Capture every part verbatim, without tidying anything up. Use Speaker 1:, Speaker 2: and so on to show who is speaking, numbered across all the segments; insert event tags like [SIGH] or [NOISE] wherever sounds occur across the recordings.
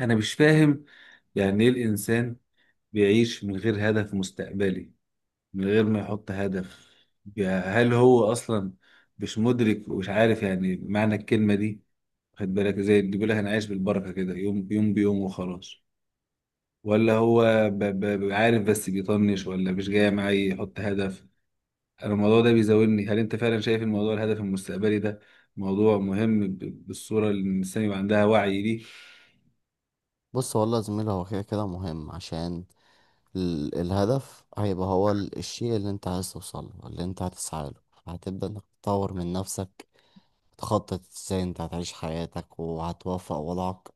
Speaker 1: أنا مش فاهم، يعني إيه الإنسان بيعيش من غير هدف مستقبلي؟ من غير ما يحط هدف، يا- هل هو أصلا مش مدرك ومش عارف يعني معنى الكلمة دي؟ خد بالك، زي اللي بيقول لك أنا عايش بالبركة كده، يوم بيوم بيوم وخلاص. ولا هو ب- ب- ب- عارف بس بيطنش، ولا مش جاي معايا يحط هدف؟ أنا الموضوع ده بيزاولني. هل أنت فعلا شايف الموضوع، الهدف المستقبلي ده، موضوع مهم ب- بالصورة اللي الإنسان يبقى عندها وعي ليه؟
Speaker 2: بص والله يا زميلي، هو كده كده مهم عشان ال- الهدف هيبقى هو ال- الشيء اللي انت عايز توصله، اللي انت هتسعى له. هتبدأ انك تطور من نفسك، تخطط ازاي انت هتعيش حياتك وهتوفق وضعك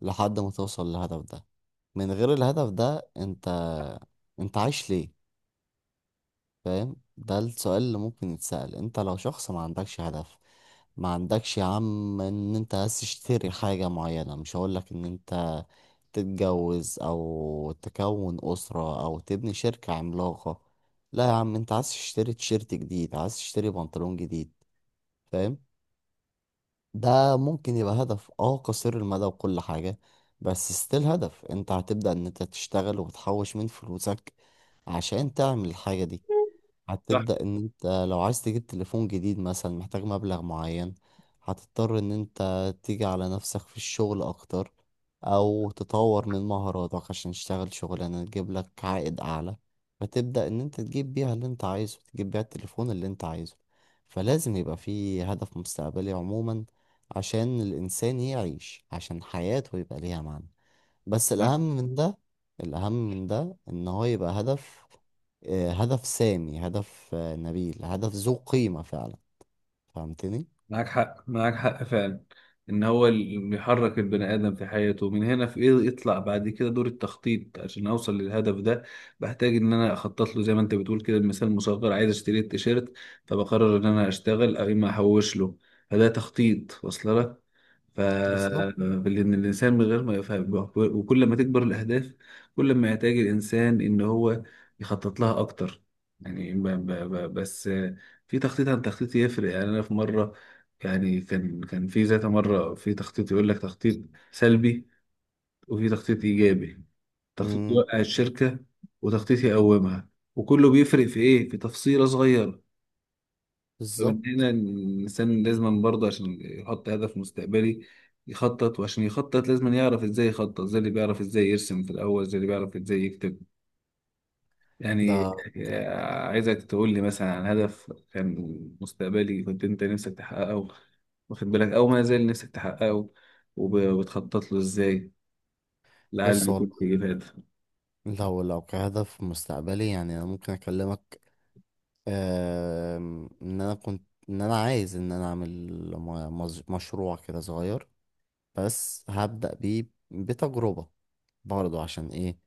Speaker 2: لحد ما توصل للهدف ده. من غير الهدف ده انت انت عايش ليه؟ فاهم؟ ده السؤال اللي ممكن يتسأل. انت لو شخص ما عندكش هدف، ما عندكش يا عم ان انت عايز تشتري حاجة معينة. مش هقولك ان انت تتجوز او تكون أسرة او تبني شركة عملاقة، لا يا عم، انت عايز تشتري تيشيرت جديد، عايز تشتري بنطلون جديد. فاهم؟ ده ممكن يبقى هدف اه قصير المدى وكل حاجة، بس ستيل هدف. انت هتبدأ ان انت تشتغل وتحوش من فلوسك عشان تعمل الحاجة دي. هتبدأ ان انت لو عايز تجيب تليفون جديد مثلا، محتاج مبلغ معين. هتضطر ان انت تيجي على نفسك في الشغل اكتر او تطور من مهاراتك عشان تشتغل شغلانة تجيب لك عائد اعلى، فتبدأ ان انت تجيب بيها اللي انت عايزه، تجيب بيها التليفون اللي انت عايزه. فلازم يبقى في هدف مستقبلي عموما عشان الانسان يعيش، عشان حياته يبقى ليها معنى. بس
Speaker 1: صح.
Speaker 2: الأهم من ده، الأهم من ده إن هو يبقى هدف، آه، هدف سامي، هدف آه، نبيل، هدف ذو قيمة فعلا. فهمتني؟
Speaker 1: معاك حق، معاك حق فعلا، ان هو اللي بيحرك البني ادم في حياته. من هنا في ايه يطلع؟ بعد كده دور التخطيط عشان اوصل للهدف ده. بحتاج ان انا اخطط له، زي ما انت بتقول كده، بمثال مصغر عايز اشتري التيشيرت، فبقرر ان انا اشتغل او اما احوش له، فده تخطيط. واصل لك. ف
Speaker 2: بالظبط.
Speaker 1: لان الانسان من غير ما يفهم، وكل ما تكبر الاهداف كل ما يحتاج الانسان ان هو يخطط لها اكتر. يعني ب... ب... ب... بس في تخطيط عن تخطيط يفرق. يعني انا في مره، يعني كان كان في ذات مرة في تخطيط يقول لك تخطيط سلبي، وفي تخطيط إيجابي. تخطيط
Speaker 2: امم
Speaker 1: يوقع الشركة، وتخطيط يقومها، وكله بيفرق في إيه؟ في تفصيلة صغيرة. فمن
Speaker 2: بالظبط.
Speaker 1: هنا الإنسان لازم برضه، عشان يحط هدف مستقبلي، يخطط. وعشان يخطط لازم يعرف إزاي يخطط، زي اللي بيعرف إزاي يرسم في الأول، زي اللي بيعرف إزاي يكتب
Speaker 2: ده
Speaker 1: يعني. آه، عايزك تقول لي مثلا عن هدف كان مستقبلي كنت انت نفسك تحققه، واخد بالك، او ما زال نفسك تحققه وبتخطط له ازاي، لعل
Speaker 2: بص
Speaker 1: يكون
Speaker 2: والله،
Speaker 1: في فايدة.
Speaker 2: لو لو كهدف مستقبلي يعني انا ممكن اكلمك. آم، ان انا كنت، ان انا عايز ان انا اعمل م- مز- مشروع كده صغير، بس هبدأ بيه بتجربة. برضه عشان ايه؟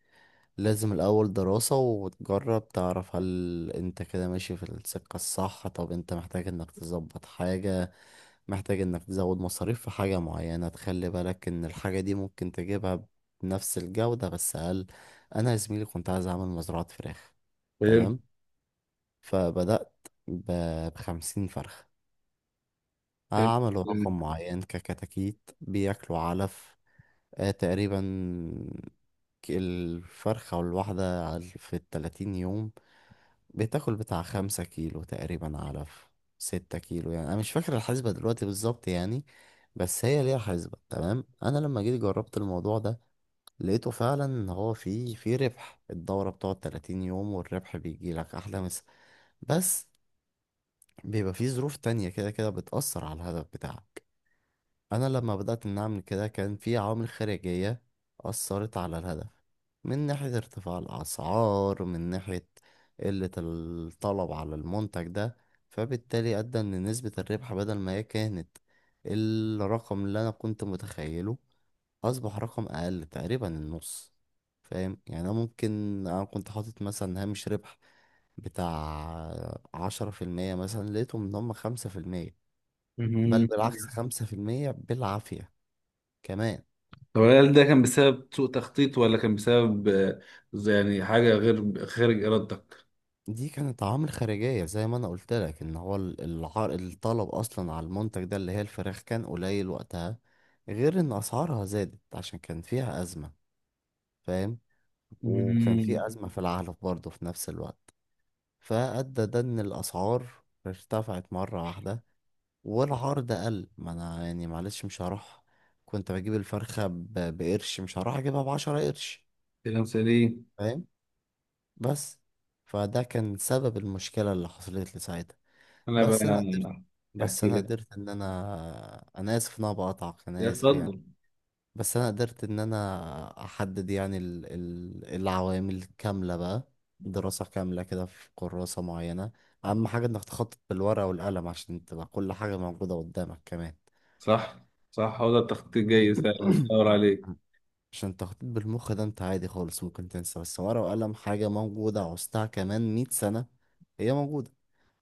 Speaker 2: لازم الأول دراسة وتجرب، تعرف هل انت كده ماشي في السكة الصح. طب انت محتاج انك تظبط حاجة، محتاج انك تزود مصاريف في حاجة معينة، تخلي بالك ان الحاجة دي ممكن تجيبها بنفس الجودة بس أقل. أنا يا زميلي كنت عايز أعمل مزرعة فراخ.
Speaker 1: حلو،
Speaker 2: تمام، فبدأت ب- بخمسين فرخة.
Speaker 1: حلو.
Speaker 2: عملوا رقم معين ككتاكيت بياكلوا علف. آه تقريبا ك- الفرخة الواحدة على- في التلاتين يوم بتاكل بتاع خمسة كيلو تقريبا، على ف- ستة كيلو يعني. أنا مش فاكر الحسبة دلوقتي بالظبط يعني، بس هي ليها حسبة. تمام، أنا لما جيت جربت الموضوع ده لقيته فعلا إن هو فيه فيه ربح. الدورة بتقعد تلاتين يوم والربح بيجيلك أحلى مسا. بس بيبقى فيه ظروف تانية كده كده بتأثر على الهدف بتاعك. أنا لما بدأت إن أعمل كده كان في عوامل خارجية أثرت على الهدف، من ناحية ارتفاع الأسعار، من ناحية قلة الطلب على المنتج ده. فبالتالي أدى إن نسبة الربح بدل ما هي كانت الرقم اللي أنا كنت متخيله، أصبح رقم أقل تقريبا النص. فاهم يعني؟ أنا ممكن، أنا كنت حاطط مثلا هامش ربح بتاع عشرة في المية مثلا، لقيتهم إن هما خمسة في المية. بل
Speaker 1: مم.
Speaker 2: بالعكس، خمسة في المية بالعافية كمان.
Speaker 1: طب هل ده كان بسبب سوء تخطيط، ولا كان بسبب آه، زي يعني حاجة غير خارج إرادتك؟
Speaker 2: دي كانت عوامل خارجية زي ما انا قلت لك. ان هو ال- العر... الطلب اصلا على المنتج ده، اللي هي الفراخ، كان قليل وقتها. غير ان اسعارها زادت عشان كان فيها ازمة. فاهم؟ وكان
Speaker 1: مم.
Speaker 2: في ازمة في العلف برضه في نفس الوقت، فادى ده ان الاسعار ارتفعت مرة واحدة والعرض قل. ما انا يعني معلش، مش هروح كنت بجيب الفرخة ب... بقرش، مش هروح اجيبها بعشرة قرش.
Speaker 1: كلام سليم.
Speaker 2: فاهم؟ بس فده كان سبب المشكلة اللي حصلت لي ساعتها.
Speaker 1: أنا بقى
Speaker 2: بس انا قدرت، بس
Speaker 1: أحكي
Speaker 2: انا
Speaker 1: لك.
Speaker 2: قدرت ان انا، انا اسف ان انا بقطعك، انا اسف يعني.
Speaker 1: اتفضل.
Speaker 2: بس انا قدرت ان انا احدد يعني ال... ال... العوامل كاملة بقى. دراسة كاملة كده في كراسة معينة. اهم حاجة انك تخطط بالورقة والقلم عشان تبقى كل حاجة موجودة قدامك كمان.
Speaker 1: صح، صح. هو ده التخطيط جاي
Speaker 2: [COUGHS]
Speaker 1: فعلا
Speaker 2: [CLEARS THROAT]
Speaker 1: أدور عليك.
Speaker 2: عشان التخطيط بالمخ ده انت عادي خالص ممكن تنسى، بس ورقة وقلم حاجة موجودة عوزتها كمان مية سنة هي موجودة.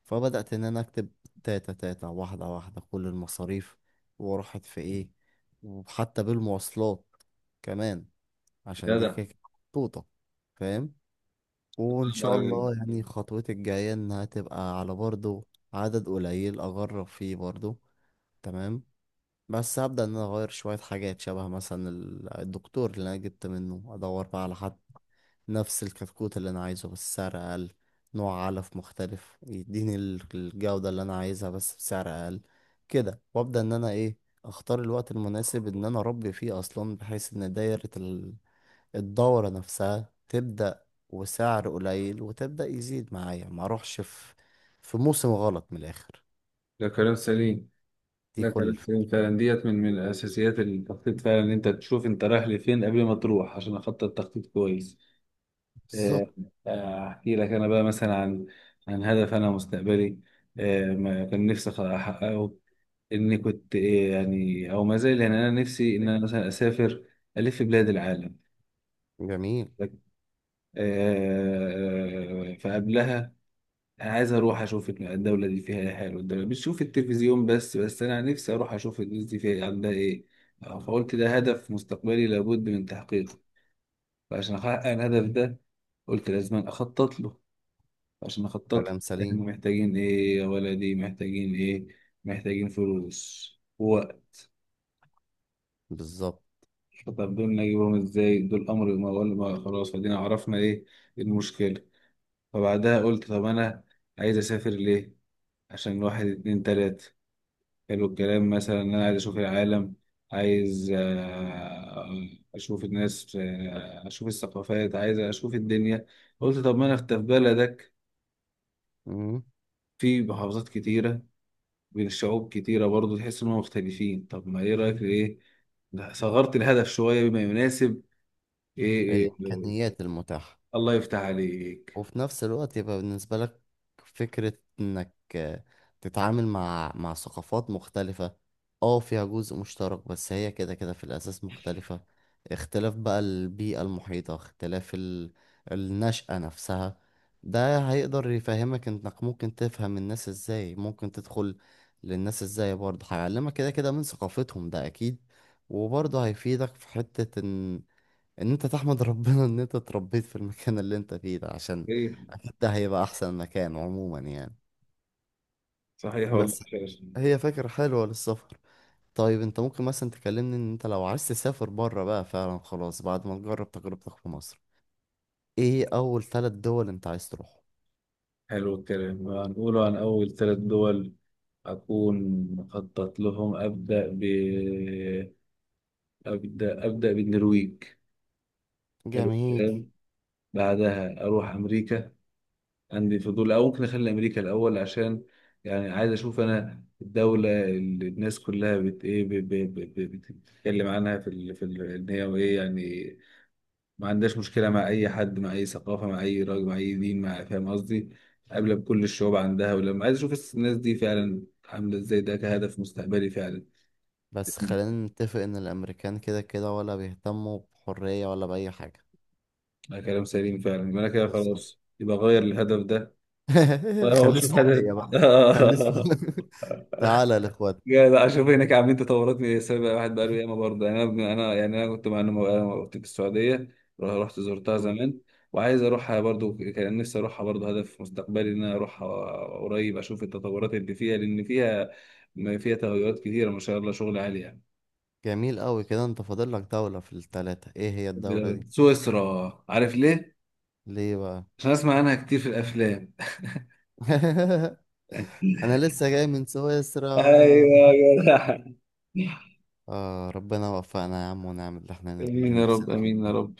Speaker 2: فبدأت إن أنا أكتب تاتا تاتا واحدة واحدة كل المصاريف وراحت في إيه، وحتى بالمواصلات كمان عشان دي
Speaker 1: جدع.
Speaker 2: كده كده محطوطة. فاهم؟ وإن
Speaker 1: الله
Speaker 2: شاء الله
Speaker 1: يعينك.
Speaker 2: يعني خطوتي الجاية إنها تبقى على برضو عدد قليل أجرب فيه برضو. تمام، بس هبدأ إن أنا أغير شوية حاجات. شبه مثلا ال- الدكتور اللي أنا جبت منه، أدور بقى على حد نفس الكتكوت اللي أنا عايزه بس سعر أقل. نوع علف مختلف يديني ال- الجودة اللي أنا عايزها بس بسعر أقل. كده. وأبدأ إن أنا إيه، أختار الوقت المناسب إن أنا أربي فيه أصلا، بحيث إن دايرة ال- الدورة نفسها تبدأ وسعر قليل وتبدأ يزيد معايا، ما أروحش في في موسم غلط من الآخر.
Speaker 1: ده كلام سليم،
Speaker 2: دي
Speaker 1: ده
Speaker 2: كل
Speaker 1: كلام
Speaker 2: الفكرة.
Speaker 1: سليم فعلا. ديت من من اساسيات التخطيط فعلا، ان انت تشوف انت رايح لفين قبل ما تروح، عشان اخطط تخطيط كويس. آه،
Speaker 2: بالظبط.
Speaker 1: آه، احكي لك انا بقى مثلا عن عن هدف انا مستقبلي، آه، ما كان نفسي أخ- احققه. اني كنت إيه يعني، او ما زال، يعني انا نفسي ان
Speaker 2: إن-
Speaker 1: انا مثلا اسافر الف بلاد العالم.
Speaker 2: جميل.
Speaker 1: آه، آه، فقبلها انا عايز اروح اشوف الدوله دي فيها ايه حلو. الدوله بتشوف التلفزيون بس، بس انا نفسي اروح اشوف الناس دي فيها إيه، عندها ايه. آه، فقلت ده هدف مستقبلي لابد من تحقيقه. فعشان احقق الهدف ده قلت لازم اخطط له. عشان اخطط
Speaker 2: كلام
Speaker 1: له احنا
Speaker 2: سليم.
Speaker 1: محتاجين ايه يا ولدي، محتاجين ايه؟ محتاجين فلوس ووقت.
Speaker 2: بالظبط.
Speaker 1: طب دول نجيبهم ازاي؟ دول امر، ما ولا ما، خلاص ادينا عرفنا ايه المشكله. فبعدها قلت طب انا عايز اسافر ليه؟ عشان واحد، اتنين، تلاته، حلو الكلام. مثلا انا عايز اشوف العالم، عايز آه، اشوف الناس، آه، اشوف الثقافات، عايز اشوف الدنيا. قلت طب ما انا في بلدك،
Speaker 2: مم.
Speaker 1: في محافظات كتيرة، بين الشعوب كتيرة برضو تحس انهم مختلفين. طب ما ايه رأيك ايه؟ لا، صغرت الهدف شوية بما يناسب. ايه, إيه.
Speaker 2: الإمكانيات المتاحة.
Speaker 1: الله يفتح عليك.
Speaker 2: وفي نفس الوقت يبقى بالنسبة لك فكرة انك آه، تتعامل مع مع ثقافات مختلفة. اه فيها جزء مشترك بس هي كده كده في الأساس مختلفة. اختلاف بقى البيئة المحيطة، اختلاف ال... النشأة نفسها. ده هيقدر يفهمك انك ممكن تفهم الناس ازاي، ممكن تدخل للناس ازاي. برضه هيعلمك كده كده من ثقافتهم، ده اكيد. وبرضه هيفيدك في حتة ان ان انت تحمد ربنا ان انت اتربيت في المكان اللي انت فيه ده، عشان
Speaker 1: ايه،
Speaker 2: اكيد ده هيبقى احسن مكان عموما يعني.
Speaker 1: صحيح، والله
Speaker 2: بس
Speaker 1: خير.
Speaker 2: هي فكرة حلوة للسفر. طيب انت ممكن مثلا تكلمني ان انت لو عايز تسافر بره بقى فعلا، خلاص بعد ما تجرب تجربتك في مصر، ايه اول ثلاث دول انت عايز تروحهم؟
Speaker 1: حلو الكلام. هنقوله عن اول ثلاث دول أكون مخطط لهم. أبدأ، أبدأ أبدأ بالنرويج. حلو
Speaker 2: جميل.
Speaker 1: الكلام. بعدها أروح أمريكا، عندي فضول. أو ممكن أخلي أمريكا الأول، عشان يعني عايز أشوف أنا الدولة اللي الناس كلها بت إيه ب- ب- ب- ب- بتتكلم عنها، في ال... في ال... إن هي وإيه يعني، ما عندهاش مشكلة مع أي حد، مع أي ثقافة، مع أي راجل، مع أي دين، مع، فاهم قصدي؟ قابلة بكل الشعوب عندها. ولما عايز أشوف الناس دي فعلا عاملة إزاي، ده كهدف مستقبلي فعلا.
Speaker 2: بس خلينا نتفق ان الامريكان كده كده ولا بيهتموا بحرية ولا بأي حاجة.
Speaker 1: ده كلام سليم فعلا. يبقى أنا كده
Speaker 2: بالظبط.
Speaker 1: خلاص، يبقى أغير الهدف ده.
Speaker 2: [LAUGHS]
Speaker 1: هو
Speaker 2: خليه
Speaker 1: مش محتاج.
Speaker 2: السعودية
Speaker 1: [LAUGHS]
Speaker 2: بقى. خليه
Speaker 1: آه.
Speaker 2: السعودية. [LAUGHS] تعالى يا الاخوات.
Speaker 1: يا لا اشوف هناك عاملين تطورات من السبب، واحد بقاله ياما برضه. يعني انا انا يعني انا كنت مع انه أنا كنت في السعوديه. رح- رحت زرتها زمان. وعايز اروحها برضه. كان نفسي اروحها برضه، هدف مستقبلي ان انا اروحها قريب، اشوف التطورات اللي فيها، لان فيها ما فيها تغيرات كتيره ما شاء الله، شغل عالي يعني.
Speaker 2: جميل قوي. كده انت فاضل لك دولة في التلاتة، ايه هي الدولة دي؟
Speaker 1: سويسرا. عارف ليه؟
Speaker 2: ليه بقى؟
Speaker 1: عشان اسمع عنها كتير في الافلام. [LAUGHS]
Speaker 2: [LAUGHS] انا لسه جاي من سويسرا.
Speaker 1: ايوه
Speaker 2: [LAUGHS]
Speaker 1: يا جدع. [LAUGHS]
Speaker 2: آه ربنا وفقنا يا عم، ونعمل اللي احنا اللي
Speaker 1: امين يا
Speaker 2: نفسنا
Speaker 1: رب،
Speaker 2: فيه
Speaker 1: امين يا رب.
Speaker 2: كله.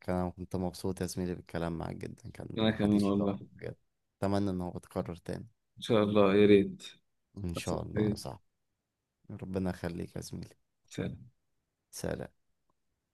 Speaker 2: كان انا كنت مبسوط يا زميلي بالكلام معاك جدا، كان
Speaker 1: انا كمان
Speaker 2: حديث شيق
Speaker 1: والله.
Speaker 2: بجد. اتمنى ان هو يتكرر تاني.
Speaker 1: ان شاء الله يا ريت.
Speaker 2: ان شاء الله يا
Speaker 1: إيه.
Speaker 2: صاحبي. ربنا يخليك يا زميلي.
Speaker 1: سلام.
Speaker 2: سلام.